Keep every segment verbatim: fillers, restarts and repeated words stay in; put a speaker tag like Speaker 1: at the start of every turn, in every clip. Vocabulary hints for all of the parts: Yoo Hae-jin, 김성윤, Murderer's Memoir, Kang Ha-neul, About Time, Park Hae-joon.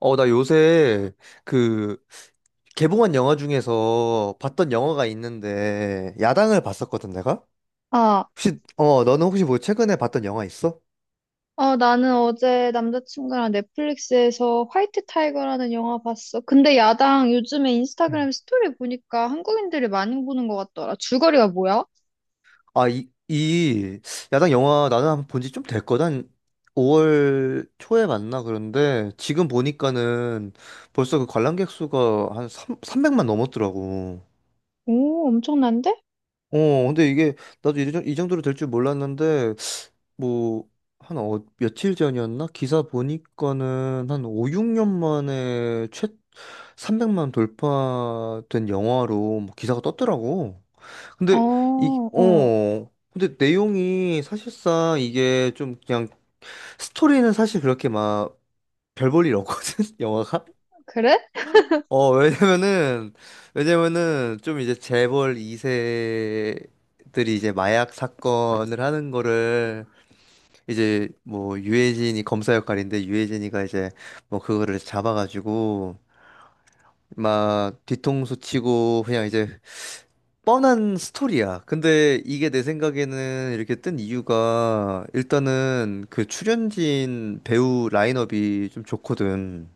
Speaker 1: 어, 나 요새 그 개봉한 영화 중에서 봤던 영화가 있는데 야당을 봤었거든, 내가?
Speaker 2: 아,
Speaker 1: 혹시 어, 너는 혹시 뭐 최근에 봤던 영화 있어?
Speaker 2: 어, 나는 어제 남자친구랑 넷플릭스에서 화이트 타이거라는 영화 봤어. 근데 야당 요즘에
Speaker 1: 음.
Speaker 2: 인스타그램 스토리 보니까 한국인들이 많이 보는 것 같더라. 줄거리가 뭐야?
Speaker 1: 아, 이, 이 야당 영화 나는 한번 본 지 좀 됐거든. 한 오월 초에 봤나 그런데 지금 보니까는 벌써 그 관람객 수가 한삼 삼백만 넘었더라고.
Speaker 2: 오, 엄청난데?
Speaker 1: 어, 근데 이게 나도 이, 정- 이 정도로 될 줄 몰랐는데 뭐 한 어, 며칠 전이었나? 기사 보니까는 한 오, 육 년 만에 최 삼백만 돌파된 영화로 뭐 기사가 떴더라고.
Speaker 2: 어,
Speaker 1: 근데 이
Speaker 2: 어,
Speaker 1: 어, 근데 내용이 사실상 이게 좀 그냥 스토리는 사실 그렇게 막 별볼일 없거든, 영화가.
Speaker 2: 그래?
Speaker 1: 어, 왜냐면은, 왜냐면은, 좀 이제 재벌 이 세들이 이제 마약 사건을 하는 거를, 이제 뭐, 유해진이 검사 역할인데, 유해진이가 이제 뭐, 그거를 잡아가지고, 막, 뒤통수 치고, 그냥 이제, 뻔한 스토리야. 근데 이게 내 생각에는 이렇게 뜬 이유가, 일단은 그 출연진 배우 라인업이 좀 좋거든.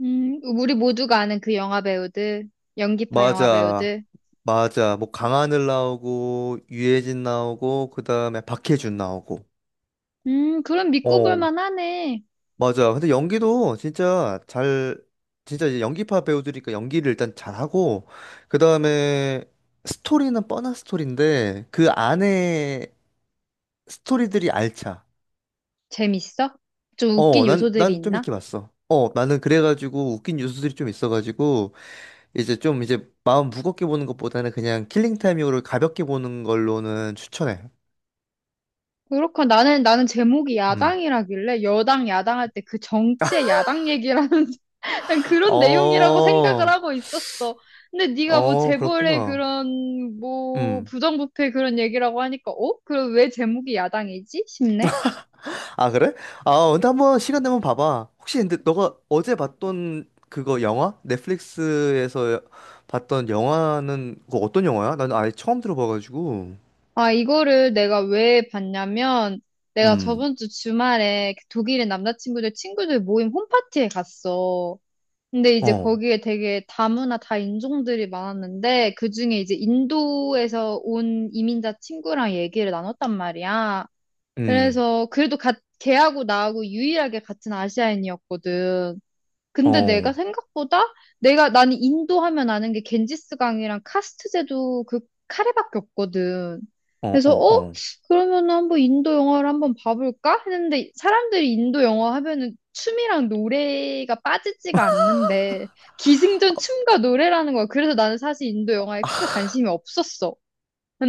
Speaker 2: 음, 우리 모두가 아는 그 영화 배우들, 연기파 영화
Speaker 1: 맞아.
Speaker 2: 배우들.
Speaker 1: 맞아. 뭐 강하늘 나오고 유해진 나오고 그다음에 박해준 나오고.
Speaker 2: 음, 그럼 믿고 볼
Speaker 1: 어.
Speaker 2: 만하네.
Speaker 1: 맞아. 근데 연기도 진짜 잘 진짜 이제 연기파 배우들이니까 연기를 일단 잘하고 그다음에 스토리는 뻔한 스토리인데 그 안에 스토리들이 알차.
Speaker 2: 재밌어? 좀
Speaker 1: 어,
Speaker 2: 웃긴
Speaker 1: 난
Speaker 2: 요소들이
Speaker 1: 난 좀
Speaker 2: 있나?
Speaker 1: 이렇게 봤어. 어, 나는 그래가지고 웃긴 뉴스들이 좀 있어가지고 이제 좀 이제 마음 무겁게 보는 것보다는 그냥 킬링타임용으로 가볍게 보는 걸로는 추천해.
Speaker 2: 그렇고 나는 나는 제목이
Speaker 1: 음.
Speaker 2: 야당이라길래 여당 야당할 때 그 정치의 야당 얘기라는 그냥 그런 내용이라고
Speaker 1: 어,
Speaker 2: 생각을 하고 있었어. 근데 네가 뭐
Speaker 1: 어,
Speaker 2: 재벌의
Speaker 1: 그렇구나.
Speaker 2: 그런 뭐
Speaker 1: 음.
Speaker 2: 부정부패 그런 얘기라고 하니까 어? 그럼 왜 제목이 야당이지? 싶네.
Speaker 1: 아, 그래? 아, 근데 한번 시간 되면 봐봐. 혹시 근데 너가 어제 봤던 그거 영화? 넷플릭스에서 봤던 영화는 그거 어떤 영화야? 나는 아예 처음 들어봐가지고.
Speaker 2: 아, 이거를 내가 왜 봤냐면 내가
Speaker 1: 음.
Speaker 2: 저번 주 주말에 그 독일의 남자친구들 친구들 모임 홈파티에 갔어. 근데 이제
Speaker 1: 어,
Speaker 2: 거기에 되게 다문화 다 인종들이 많았는데 그중에 이제 인도에서 온 이민자 친구랑 얘기를 나눴단 말이야.
Speaker 1: 음,
Speaker 2: 그래서 그래도 가, 걔하고 나하고 유일하게 같은 아시아인이었거든.
Speaker 1: 어,
Speaker 2: 근데
Speaker 1: 어,
Speaker 2: 내가 생각보다 내가 나는 인도 하면 아는 게 겐지스강이랑 카스트제도 그 카레밖에 없거든. 그래서 어?
Speaker 1: 어,
Speaker 2: 그러면 한번 인도 영화를 한번 봐볼까? 했는데 사람들이 인도 영화 하면은 춤이랑 노래가 빠지지가 않는데 기승전 춤과 노래라는 거야. 그래서 나는 사실 인도 영화에 크게 관심이 없었어.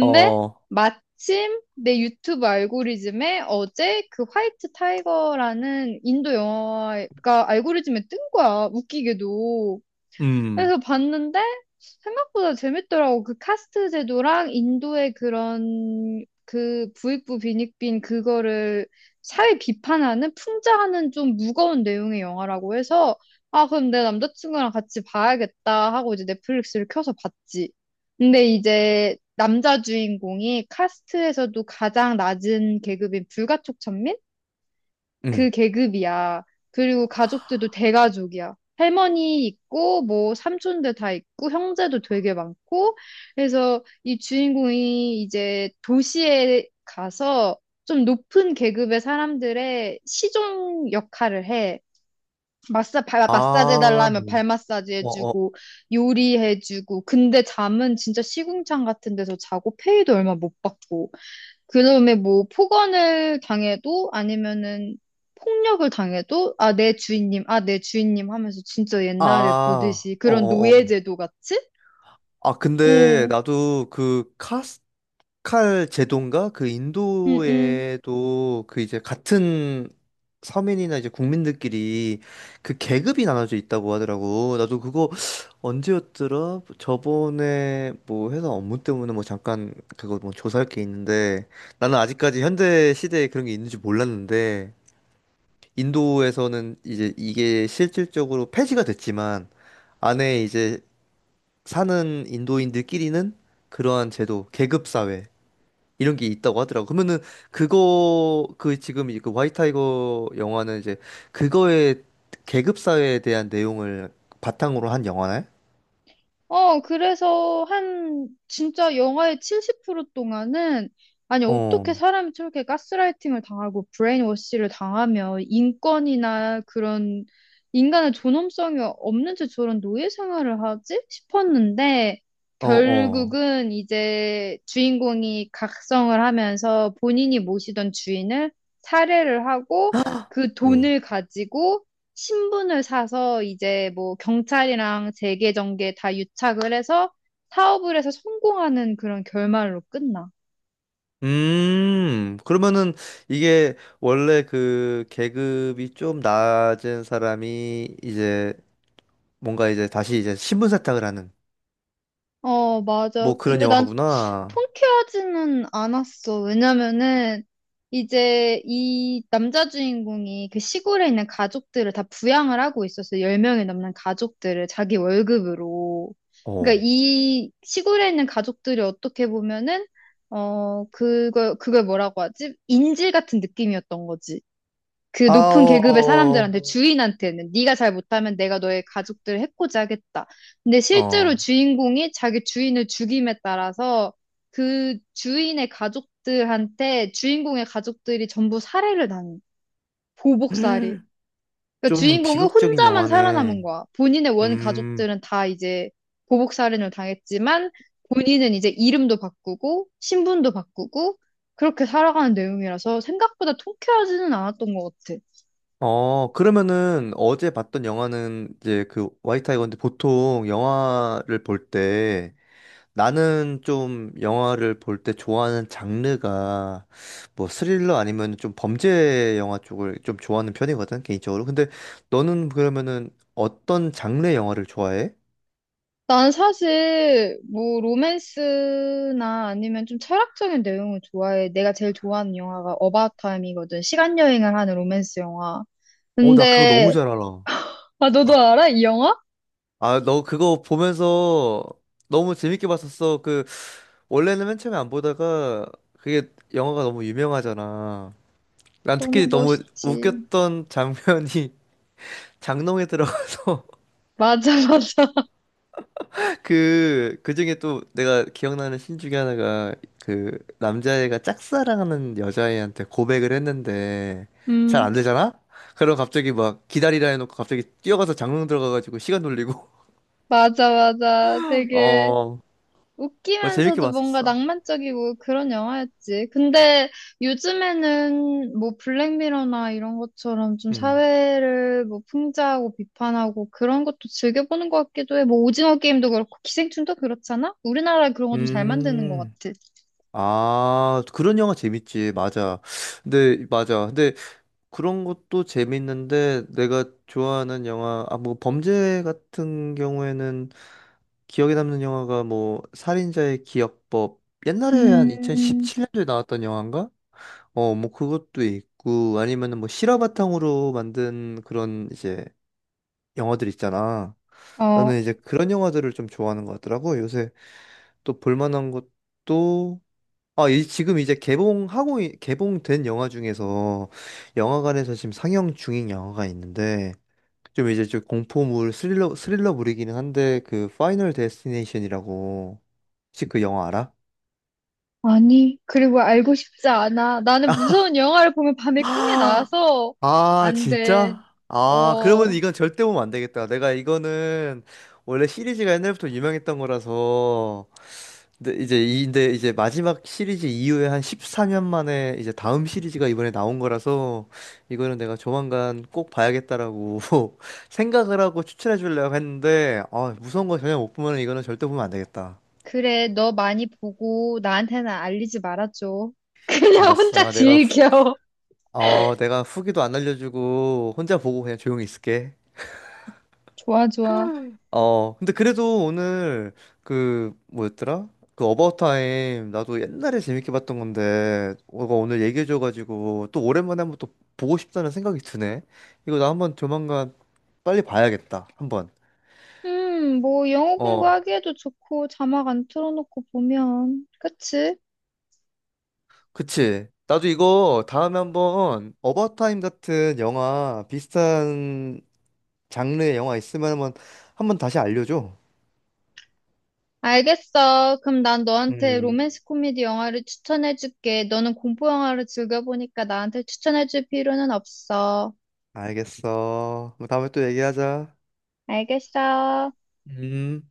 Speaker 1: 어, 어,
Speaker 2: 마침 내 유튜브 알고리즘에 어제 그 화이트 타이거라는 인도 영화가 알고리즘에 뜬 거야. 웃기게도.
Speaker 1: 음,
Speaker 2: 그래서 봤는데 생각보다 재밌더라고. 그 카스트 제도랑 인도의 그런 그 부익부 빈익빈 그거를 사회 비판하는 풍자하는 좀 무거운 내용의 영화라고 해서 아 그럼 내 남자친구랑 같이 봐야겠다 하고 이제 넷플릭스를 켜서 봤지. 근데 이제 남자 주인공이 카스트에서도 가장 낮은 계급인 불가촉천민?
Speaker 1: 음.
Speaker 2: 그 계급이야. 그리고 가족들도 대가족이야. 할머니 있고, 뭐, 삼촌들 다 있고, 형제도 되게 많고, 그래서 이 주인공이 이제 도시에 가서 좀 높은 계급의 사람들의 시종 역할을 해. 마사, 발, 마사지
Speaker 1: 아,
Speaker 2: 해달라면 발
Speaker 1: 음.
Speaker 2: 마사지
Speaker 1: 어, 어,
Speaker 2: 해주고, 요리해주고, 근데 잠은 진짜 시궁창 같은 데서 자고, 페이도 얼마 못 받고. 그다음에 뭐 폭언을 당해도 아니면은 폭력을 당해도 아, 내 주인님, 아, 내 주인님 하면서 진짜 옛날에
Speaker 1: 아, 어,
Speaker 2: 보듯이
Speaker 1: 어,
Speaker 2: 그런
Speaker 1: 어.
Speaker 2: 노예제도 같이?
Speaker 1: 아, 근데
Speaker 2: 응,
Speaker 1: 나도 그 카스 칼 제도인가? 그
Speaker 2: 응, 응.
Speaker 1: 인도에도 그 이제 같은 서민이나 이제 국민들끼리 그 계급이 나눠져 있다고 하더라고. 나도 그거 언제였더라? 저번에 뭐 회사 업무 때문에 뭐 잠깐 그거 뭐 조사할 게 있는데 나는 아직까지 현대 시대에 그런 게 있는지 몰랐는데 인도에서는 이제 이게 실질적으로 폐지가 됐지만 안에 이제 사는 인도인들끼리는 그러한 제도, 계급 사회 이런 게 있다고 하더라고. 그러면은 그거 그 지금 이그 화이 타이거 영화는 이제 그거의 계급 사회에 대한 내용을 바탕으로 한 영화네?
Speaker 2: 어, 그래서 한, 진짜 영화의 칠십 퍼센트 동안은, 아니,
Speaker 1: 어,
Speaker 2: 어떻게 사람이 저렇게 가스라이팅을 당하고 브레인워시를 당하며 인권이나 그런 인간의 존엄성이 없는 채 저런 노예 생활을 하지? 싶었는데,
Speaker 1: 어, 어.
Speaker 2: 결국은 이제 주인공이 각성을 하면서 본인이 모시던 주인을 살해를 하고 그
Speaker 1: 응.
Speaker 2: 돈을 가지고 신분을 사서 이제 뭐 경찰이랑 재계 정계 다 유착을 해서 사업을 해서 성공하는 그런 결말로 끝나.
Speaker 1: 음, 그러면은 이게 원래 그 계급이 좀 낮은 사람이 이제 뭔가 이제 다시 이제 신분 세탁을 하는
Speaker 2: 어, 맞아.
Speaker 1: 뭐 그런
Speaker 2: 근데 난
Speaker 1: 영화구나.
Speaker 2: 통쾌하지는 않았어. 왜냐면은 이제 이 남자 주인공이 그 시골에 있는 가족들을 다 부양을 하고 있었어. 열 명이 넘는 가족들을 자기 월급으로. 그러니까
Speaker 1: 어.
Speaker 2: 이 시골에 있는 가족들이 어떻게 보면은 어, 그걸 그걸 뭐라고 하지? 인질 같은 느낌이었던 거지. 그
Speaker 1: 아,
Speaker 2: 높은 계급의
Speaker 1: 어,
Speaker 2: 사람들한테 주인한테는 네가 잘 못하면 내가 너의 가족들을 해코지 하겠다. 근데
Speaker 1: 어. 어.
Speaker 2: 실제로 주인공이 자기 주인을 죽임에 따라서 그 주인의 가족들한테 주인공의 가족들이 전부 살해를 당해. 보복살이. 그러니까
Speaker 1: 좀
Speaker 2: 주인공은
Speaker 1: 비극적인
Speaker 2: 혼자만 살아남은
Speaker 1: 영화네.
Speaker 2: 거야. 본인의 원
Speaker 1: 음,
Speaker 2: 가족들은 다 이제 보복살인을 당했지만 본인은 이제 이름도 바꾸고 신분도 바꾸고 그렇게 살아가는 내용이라서 생각보다 통쾌하지는 않았던 것 같아.
Speaker 1: 어, 그러면은 어제 봤던 영화는 이제 그 화이트 타이거인데 보통 영화를 볼 때 나는 좀 영화를 볼 때 좋아하는 장르가 뭐 스릴러 아니면 좀 범죄 영화 쪽을 좀 좋아하는 편이거든, 개인적으로. 근데 너는 그러면은 어떤 장르의 영화를 좋아해?
Speaker 2: 난 사실 뭐 로맨스나 아니면 좀 철학적인 내용을 좋아해. 내가 제일 좋아하는 영화가 어바웃 타임이거든. 시간 여행을 하는 로맨스 영화.
Speaker 1: 어, 나 그거 너무
Speaker 2: 근데
Speaker 1: 잘 알아.
Speaker 2: 아 너도 알아? 이 영화?
Speaker 1: 아, 너 그거 보면서 너무 재밌게 봤었어. 그 원래는 맨 처음에 안 보다가 그게 영화가 너무 유명하잖아. 난
Speaker 2: 너무
Speaker 1: 특히 너무
Speaker 2: 멋있지.
Speaker 1: 웃겼던 장면이 장롱에 들어가서
Speaker 2: 맞아 맞아.
Speaker 1: 그, 그 중에 또 내가 기억나는 신 중에 하나가 그 남자애가 짝사랑하는 여자애한테 고백을 했는데 잘
Speaker 2: 음.
Speaker 1: 안 되잖아? 그럼 갑자기 막 기다리라 해놓고 갑자기 뛰어가서 장롱 들어가가지고 시간 돌리고
Speaker 2: 맞아 맞아. 되게
Speaker 1: 어, 그거 재밌게
Speaker 2: 웃기면서도 뭔가
Speaker 1: 봤었어.
Speaker 2: 낭만적이고 그런 영화였지. 근데 요즘에는 뭐 블랙미러나 이런 것처럼 좀
Speaker 1: 음.
Speaker 2: 사회를 뭐 풍자하고 비판하고 그런 것도 즐겨보는 것 같기도 해. 뭐 오징어 게임도 그렇고 기생충도 그렇잖아? 우리나라 그런 거 좀 잘 만드는 것
Speaker 1: 음.
Speaker 2: 같아.
Speaker 1: 아, 그런 영화 재밌지. 맞아. 근데, 맞아. 근데 그런 것도 재밌는데 내가 좋아하는 영화 아 뭐 범죄 같은 경우에는 기억에 남는 영화가 뭐 살인자의 기억법 옛날에 한
Speaker 2: 음,
Speaker 1: 이천십칠 년도에 나왔던 영화인가? 어 뭐 그것도 있고 아니면은 뭐 실화 바탕으로 만든 그런 이제 영화들 있잖아.
Speaker 2: 어,
Speaker 1: 나는 이제 그런 영화들을 좀 좋아하는 것 같더라고. 요새 또 볼만한 것도 아, 이, 지금 이제 개봉하고, 이- 개봉된 영화 중에서 영화관에서 지금 상영 중인 영화가 있는데, 좀 이제 좀 공포물 스릴러 스릴러물이기는 한데 그 파이널 데스티네이션이라고 혹시 그 영화
Speaker 2: 아니. 그리고 알고 싶지 않아. 나는 무서운 영화를 보면 밤에 꿈에
Speaker 1: 알아?
Speaker 2: 나와서
Speaker 1: 아,
Speaker 2: 안 돼.
Speaker 1: 진짜? 아, 그러면
Speaker 2: 어.
Speaker 1: 이건 절대 보면 안 되겠다. 내가 이거는 원래 시리즈가 옛날부터 유명했던 거라서 근데 이제 이 근데 이제 마지막 시리즈 이후에 한 십사 년 만에 이제 다음 시리즈가 이번에 나온 거라서 이거는 내가 조만간 꼭 봐야겠다라고 생각을 하고 추천해 주려고 했는데 아, 무서운 거 전혀 못 보면 이거는 절대 보면 안 되겠다.
Speaker 2: 그래, 너 많이 보고 나한테는 알리지 말아줘. 그냥 혼자
Speaker 1: 알았어. 내가 후-
Speaker 2: 즐겨.
Speaker 1: 어, 내가 후기도 안 알려주고 혼자 보고 그냥 조용히 있을게.
Speaker 2: 좋아, 좋아.
Speaker 1: 어, 근데 그래도 오늘 그 뭐였더라? 그 어바웃 타임 나도 옛날에 재밌게 봤던 건데 너가 오늘 얘기해줘가지고 또 오랜만에 한번 또 보고 싶다는 생각이 드네. 이거 나 한번 조만간 빨리 봐야겠다. 한번.
Speaker 2: 음, 뭐 영어
Speaker 1: 어,
Speaker 2: 공부하기에도 좋고 자막 안 틀어놓고 보면. 그치?
Speaker 1: 그치. 나도 이거 다음에 한번 어바웃 타임 같은 영화 비슷한 장르의 영화 있으면 한번 한번 다시 알려줘.
Speaker 2: 알겠어. 그럼 난 너한테
Speaker 1: 음.
Speaker 2: 로맨스 코미디 영화를 추천해줄게. 너는 공포 영화를 즐겨보니까 나한테 추천해줄 필요는 없어.
Speaker 1: 알겠어. 그럼 다음에 또 얘기하자.
Speaker 2: 알겠어.
Speaker 1: 음.